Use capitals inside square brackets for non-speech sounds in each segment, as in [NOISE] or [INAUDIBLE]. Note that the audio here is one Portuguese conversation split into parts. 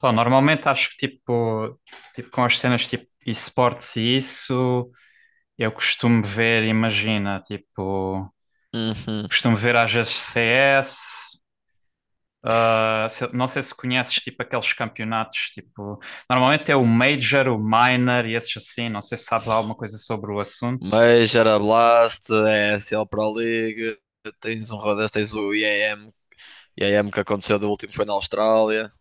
Só, normalmente acho que tipo com as cenas tipo esportes e isso, eu costumo ver, imagina, tipo, Uhum. costumo ver às vezes CS, não sei se conheces tipo aqueles campeonatos, tipo, normalmente é o Major, o Minor e esses assim, não sei se sabes alguma coisa sobre o assunto. Mas era Blast, é ESL Pro League, tens um rodeio, tens o IAM que aconteceu do último foi na Austrália.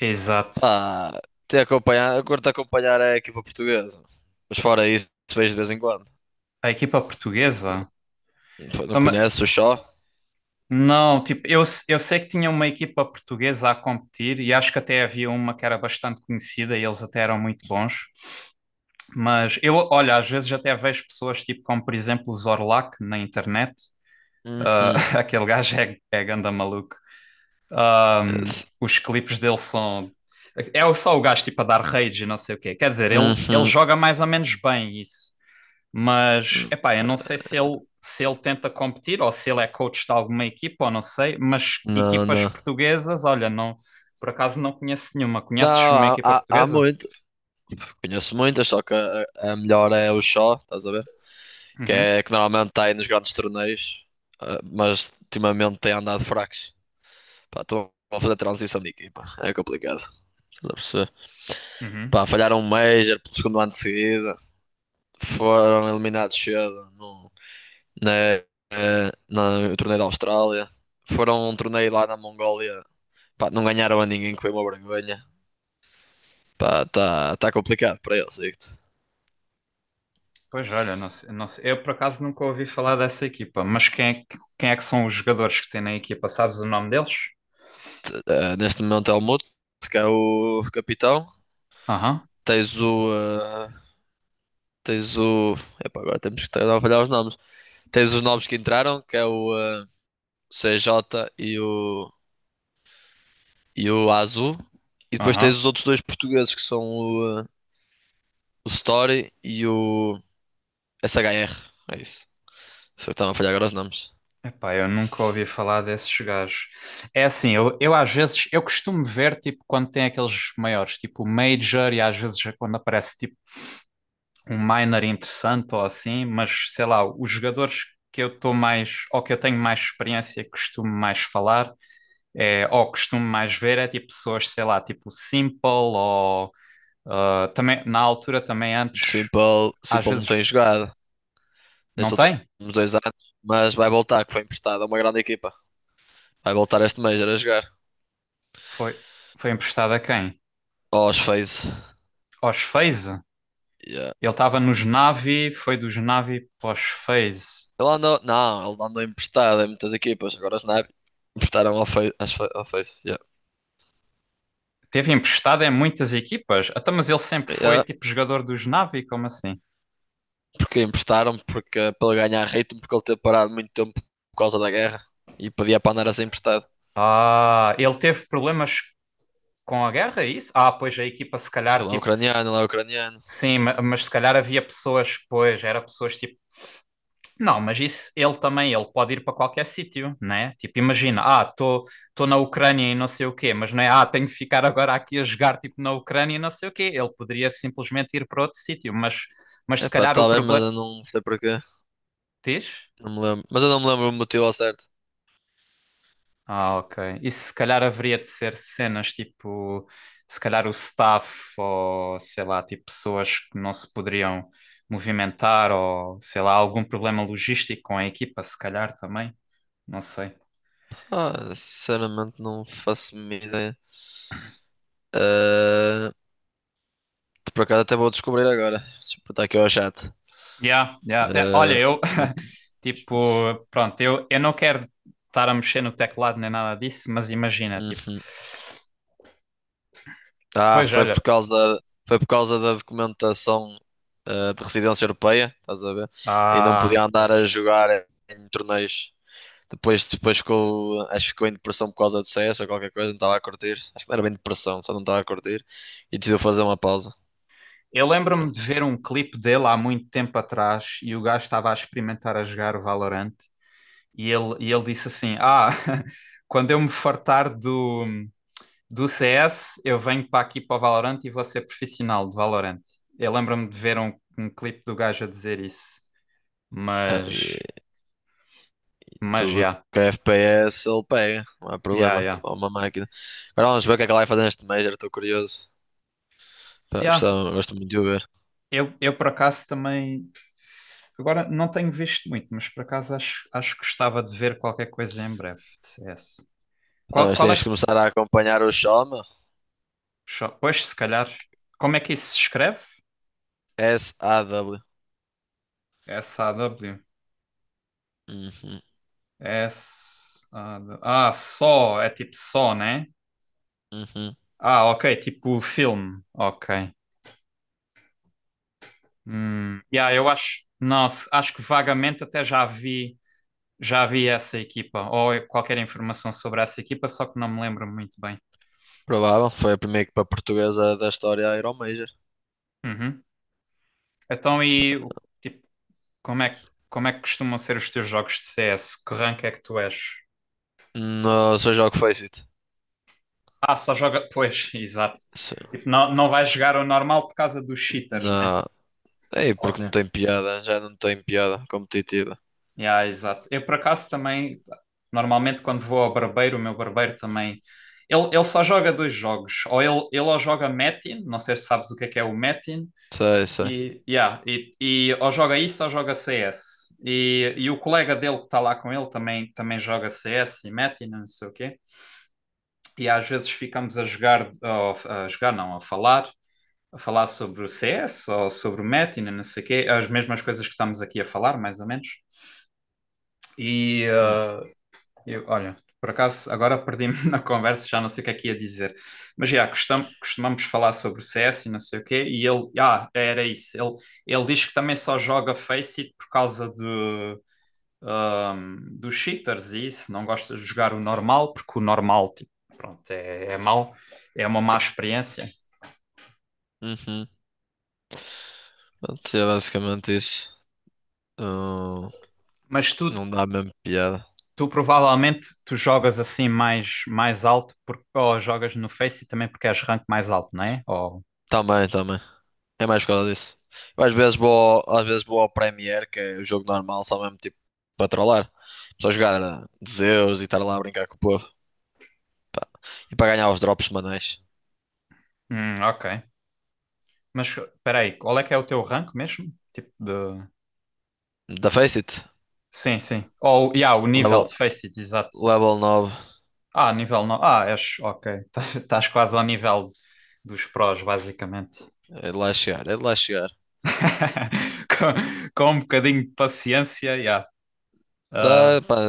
Exato. Pá, te acompanhar, eu curto acompanhar é a equipa portuguesa. Mas fora isso, vejo de vez em quando. A equipa Porque portuguesa? Não Então, ma- conheces o Shaw? não, tipo, eu sei que tinha uma equipa portuguesa a competir e acho que até havia uma que era bastante conhecida e eles até eram muito bons. Mas eu, olha, às vezes até vejo pessoas tipo como, por exemplo, o Zorlac na internet. Ah, Uhum. [LAUGHS] aquele gajo é ganda maluco. Ah, Esse- os clipes dele são. É só o gajo tipo a dar rage e não sei o quê. Quer dizer, ele Uhum. joga mais ou menos bem isso. Mas, epá, eu não sei se ele, se ele tenta competir ou se ele é coach de alguma equipa ou não sei. Mas Não, equipas não. portuguesas, olha, não, por acaso não conheço nenhuma. Não, Conheces uma há, equipa há, há portuguesa? muito. Conheço muitas, só que a melhor é o Shaw, estás a ver? Que Uhum, é que normalmente está aí nos grandes torneios, ah, mas ultimamente tem andado fracos. Pá, estão a fazer transição de equipa, é complicado. Estás a perceber? uhum. Pá, falharam um Major pelo segundo ano de seguida, foram eliminados cedo na, no torneio da Austrália, foram a um torneio lá na Mongólia, pá, não ganharam a ninguém, que foi uma vergonha. Pá, tá complicado para eles, digo-te. Pois olha, não sei. Eu por acaso nunca ouvi falar dessa equipa, mas quem é que são os jogadores que têm na equipa? Sabes o nome deles? Neste momento é o Muto, que é o capitão. Aham, Tens o, eh, Tens o. Epá, agora temos que estar a avaliar os nomes. Tens os nomes que entraram, que é o CJ e o Azu. E depois tens aham. os outros dois portugueses, que são o Story e o SHR. É isso. Só que estava a falhar agora os nomes. Epá, eu nunca ouvi falar desses gajos. É assim, eu às vezes, eu costumo ver tipo quando tem aqueles maiores, tipo o Major e às vezes quando aparece tipo um minor interessante ou assim, mas sei lá, os jogadores que eu estou mais, ou que eu tenho mais experiência, que costumo mais falar, é, ou costumo mais ver, é tipo pessoas, sei lá, tipo Simple ou Ah, também, na altura, também antes, Simple, às Simple não vezes tem jogado não nestes últimos tem. 2 anos, mas vai voltar, que foi emprestado a uma grande equipa. Vai voltar este Major a jogar. Foi, foi emprestado a quem? Aos Faze. Aos FaZe. Ele estava nos Navi, foi dos Navi para os FaZe. Ele andou, não, ele andou emprestado em muitas equipas. Agora os Nabi emprestaram ao Face. Ao Face, yeah. Teve emprestado em muitas equipas. Até, mas ele sempre foi Yeah. tipo jogador dos Navi, como assim? Porque emprestaram, porque, para ele ganhar ritmo, porque ele teve parado muito tempo por causa da guerra e podia para andar assim emprestado. Ah, ele teve problemas com a guerra, é isso? Ah, pois a equipa se calhar, Ele é tipo, ucraniano, ele é ucraniano. sim, mas se calhar havia pessoas, pois, era pessoas tipo Não, mas isso ele também, ele pode ir para qualquer sítio, né? Tipo, imagina, ah, estou na Ucrânia e não sei o quê, mas não é, ah, tenho que ficar agora aqui a jogar tipo na Ucrânia e não sei o quê. Ele poderia simplesmente ir para outro sítio, mas É se pá, calhar o tá bem, mas problema eu não sei porquê. diz? Não me lembro. Mas eu não me lembro o motivo ao certo. Ah, ok. Isso se calhar haveria de ser cenas tipo, se calhar o staff ou sei lá, tipo pessoas que não se poderiam movimentar ou sei lá, algum problema logístico com a equipa, se calhar também. Não sei. Ah, sinceramente não faço a mínima ideia. Ah, por acaso até vou descobrir agora. Deixa eu botar aqui ao chat. Yeah, yeah. Eh, olha, Ah, eu, eu- [LAUGHS] tipo, pronto, eu não quero estar a mexer no teclado nem nada disso, mas imagina, tipo, Uhum. Ah, pois foi por olha, causa, foi por causa da documentação, de residência europeia, estás a ver? E não ah, podia andar a pois. jogar em torneios. Depois ficou, acho que ficou em depressão por causa do CS ou qualquer coisa, não estava a curtir. Acho que não era bem depressão, só não estava a curtir. E decidiu fazer uma pausa. Eu lembro-me Pronto. de ver um clipe dele há muito tempo atrás e o gajo estava a experimentar a jogar o Valorant e ele disse assim: Ah, [LAUGHS] quando eu me fartar do CS, eu venho para aqui para o Valorant e vou ser profissional de Valorant. Eu lembro-me de ver um clipe do gajo a dizer isso, Ah, e mas. Mas tudo que é FPS ele pega, não há problema, que ele já. é uma máquina. Agora vamos ver o que é que ele vai fazer neste Major, estou curioso. Pá, Já, gosto muito de o ver. Eu por acaso também. Agora não tenho visto muito, mas por acaso acho que gostava de ver qualquer coisa em breve de CS. Não, mas Qual é tens de que. começar a acompanhar o Shoma. Só- Pois, se calhar. Como é que isso se escreve? SAW. SAW. Uhum, S. -A -W. Ah, só, é tipo só, né? uhum. Ah, ok, tipo filme. Ok. Yeah, eu acho. Nossa, acho que vagamente até já vi. Já vi essa equipa, ou qualquer informação sobre essa equipa, só que não me lembro muito bem. Provável, foi a primeira equipa portuguesa da história a ir ao Major. Uhum. Tipo, como é que costumam ser os teus jogos de CS? Que rank é que tu és? Não, seja o que foi, Cito. Ah, só joga. Pois, [LAUGHS] exato. Se- Tipo, não vais jogar o normal por causa dos cheaters, né? Não, é porque não Óbvio. tem piada, já não tem piada competitiva. Yeah, exato. Eu, por acaso, também, normalmente, quando vou ao barbeiro, o meu barbeiro também. Ele só joga dois jogos. Ou ele ou joga Metin, não sei se sabes o que é o Metin, Sei, sei. e, yeah, e ou joga isso ou joga CS. E o colega dele que está lá com ele também, também joga CS e mete e não sei o quê. E às vezes ficamos a jogar não, a falar sobre o CS ou sobre o Metin, não sei o quê, as mesmas coisas que estamos aqui a falar, mais ou menos. E, Hum, ah, eu, olha, por acaso agora perdi-me [LAUGHS] na conversa, já não sei o que é que ia dizer. Mas já, costumamos falar sobre o CS e não sei o quê, e ele, ah, era isso. Ele diz que também só joga Faceit por causa de, dos cheaters e isso, não gosta de jogar o normal, porque o normal, tipo, pronto, é mau, é uma má experiência. Uhum. Pronto, é basicamente isso. Não, Mas tu, não dá mesmo piada. tu provavelmente tu jogas assim mais, mais alto, porque, ou jogas no Faceit também porque és rank mais alto, não é? Ou... Também, também. É mais por causa disso. Eu às vezes vou, ao- às vezes vou ao Premiere, que é o jogo normal, só mesmo tipo para trollar. Só jogar de Zeus e estar lá a brincar com o povo. E para ganhar os drops semanais. Ok. Mas peraí, qual é que é o teu rank mesmo? Tipo de. Da Face It, Sim, sim. Ou, yeah, o nível level, de Faces, exato. level 9. Ah, nível não. Ah, és. Ok. [LAUGHS] Estás quase ao nível dos prós, basicamente. É de lá chegar, é de lá chegar. [LAUGHS] com, com um bocadinho de paciência, yeah. Ah, Pá,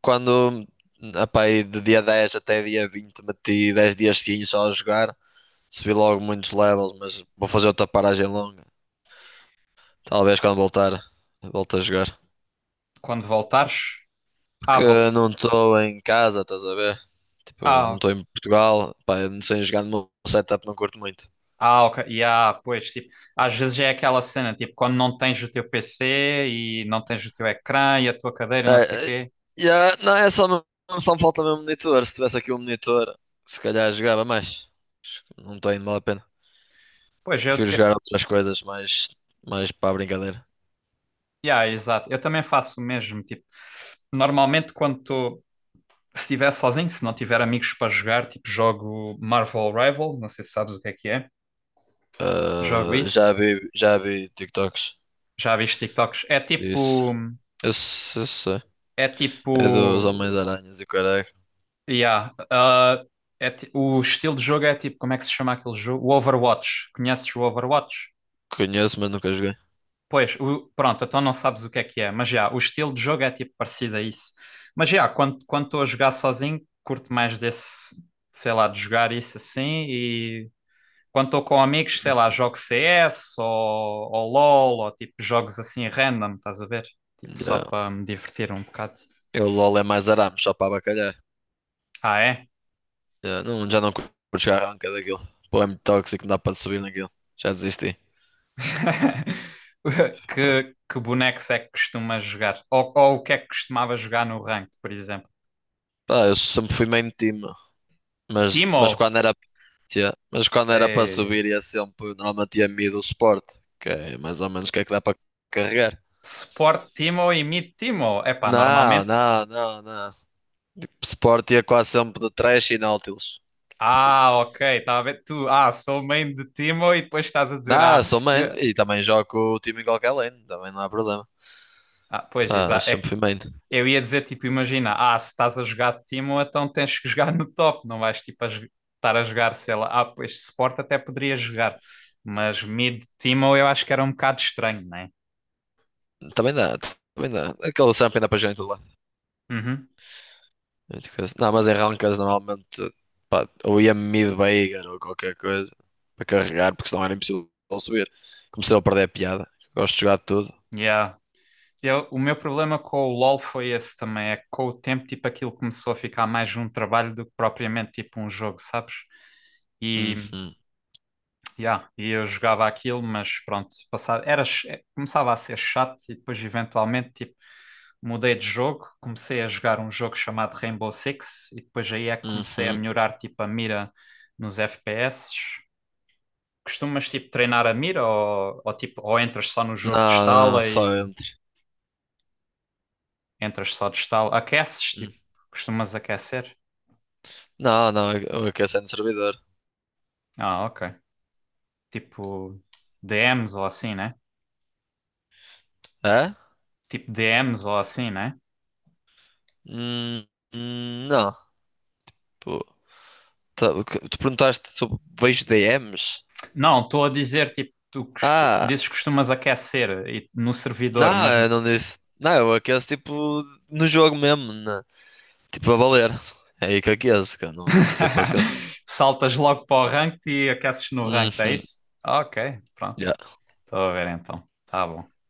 quando epá, aí de dia 10 até dia 20 meti 10 dias seguintes só a jogar. Subi logo muitos levels, mas vou fazer outra paragem longa. Talvez quando voltar, volte a jogar. quando voltares. Ah, Porque vol... não estou em casa, estás a ver? Tipo, não ah, estou em Portugal, pá, eu não sei jogar no meu setup, não curto muito. ah, ok. Yeah, pois, tipo, às vezes é aquela cena, tipo, quando não tens o teu PC e não tens o teu ecrã e a tua cadeira e não É, sei o é, quê. yeah, não, é só, só me falta mesmo monitor. Se tivesse aqui um monitor, se calhar jogava mais. Não tem mal a pena. Pois, eu, Prefiro jogar outras coisas, mais para a brincadeira. yeah, exato. Eu também faço o mesmo. Tipo, normalmente se estiver sozinho, se não tiver amigos para jogar, tipo, jogo Marvel Rivals, não sei se sabes o que é que é. Jogo Ah, isso. Já vi TikToks Já viste TikToks? Disso. Eu, se- eu sei. É tipo, É dos Homens-Aranhas e o caralho. yeah, ah, é o estilo de jogo é tipo, como é que se chama aquele jogo? O Overwatch. Conheces o Overwatch? Conheço, mas nunca joguei. Pois, o- pronto, então não sabes o que é, mas já, o estilo de jogo é tipo parecido a isso. Mas já, quando estou a jogar sozinho, curto mais desse, sei lá, de jogar isso assim. E quando estou com amigos, sei lá, jogo CS ou LOL ou tipo jogos assim random, estás a ver? Tipo só Yeah. para me divertir um bocado. Eu LOL é mais arames, só para abacalhar. Ah, é? Já não curto jogar ranca daquilo. Pô, é muito tóxico, não dá para subir naquilo. Já desisti. [LAUGHS] Que bonecos é que costumas jogar? Ou o que é que costumava jogar no ranked, por exemplo? Pá, eu sempre fui main team, mas, Timo? mas quando era mas quando era para Ei. subir ia sempre, normalmente ia mid o suporte, que é mais ou menos o que é que dá para carregar. Sport Timo e Meet Timo. Epá, Não, normalmente. não, não, não. Suporte ia quase sempre de Thresh e Nautilus. Ah, ok, estava a ver. Tu, ah, sou main de Timo e depois estás a dizer, ah, Não, sou main eu- e também jogo o time em qualquer lane, também não há problema. ah pois, Pá, exa- mas é sempre que fui main. eu ia dizer, tipo, imagina, ah, se estás a jogar de Timo, então tens que jogar no top, não vais, tipo, a estar a jogar, sei lá, ah, pois, Sport até poderia jogar, mas mid Timo eu acho que era um bocado estranho, né? Também dá, também dá. Aquele champion dá para jogar em tudo. Uhum, Muito coisa. Não, mas em rankings normalmente pá, ou ia mid-bagger ou qualquer coisa para carregar, porque senão era impossível subir. Comecei a perder a piada. Gosto de jogar tudo. yeah. O meu problema com o LoL foi esse também, é que com o tempo, tipo, aquilo começou a ficar mais um trabalho do que propriamente, tipo, um jogo, sabes? E, Uhum, yeah, e eu jogava aquilo, mas pronto, passava, era, começava a ser chato e depois, eventualmente, tipo, mudei de jogo, comecei a jogar um jogo chamado Rainbow Six e depois aí é que comecei a uhum. melhorar, tipo, a mira nos FPS. Costumas, tipo, treinar a mira ou, tipo, ou entras só no Não, jogo de não, estala só e entre. Entras só de estalo. Aqueces, Hum. tipo, costumas aquecer? Não, não, eu aqueci no servidor. Ah, ok. Tipo, DMs ou assim, né? É? Tipo, DMs ou assim, né? Hum, não. Pô, tu perguntaste sobre vejo DMs? Não, estou a dizer, tipo, tu Ah, dizes que costumas aquecer no servidor, não, mas no... eu não disse. Não, eu aqueço tipo no jogo mesmo, tipo a valer. É aí que aqueço, que não tenho [LAUGHS] paciência. Saltas logo para o ranked e aqueces no ranked, é Uhum. isso? Ok, pronto. E Estou a ver então. Tá bom.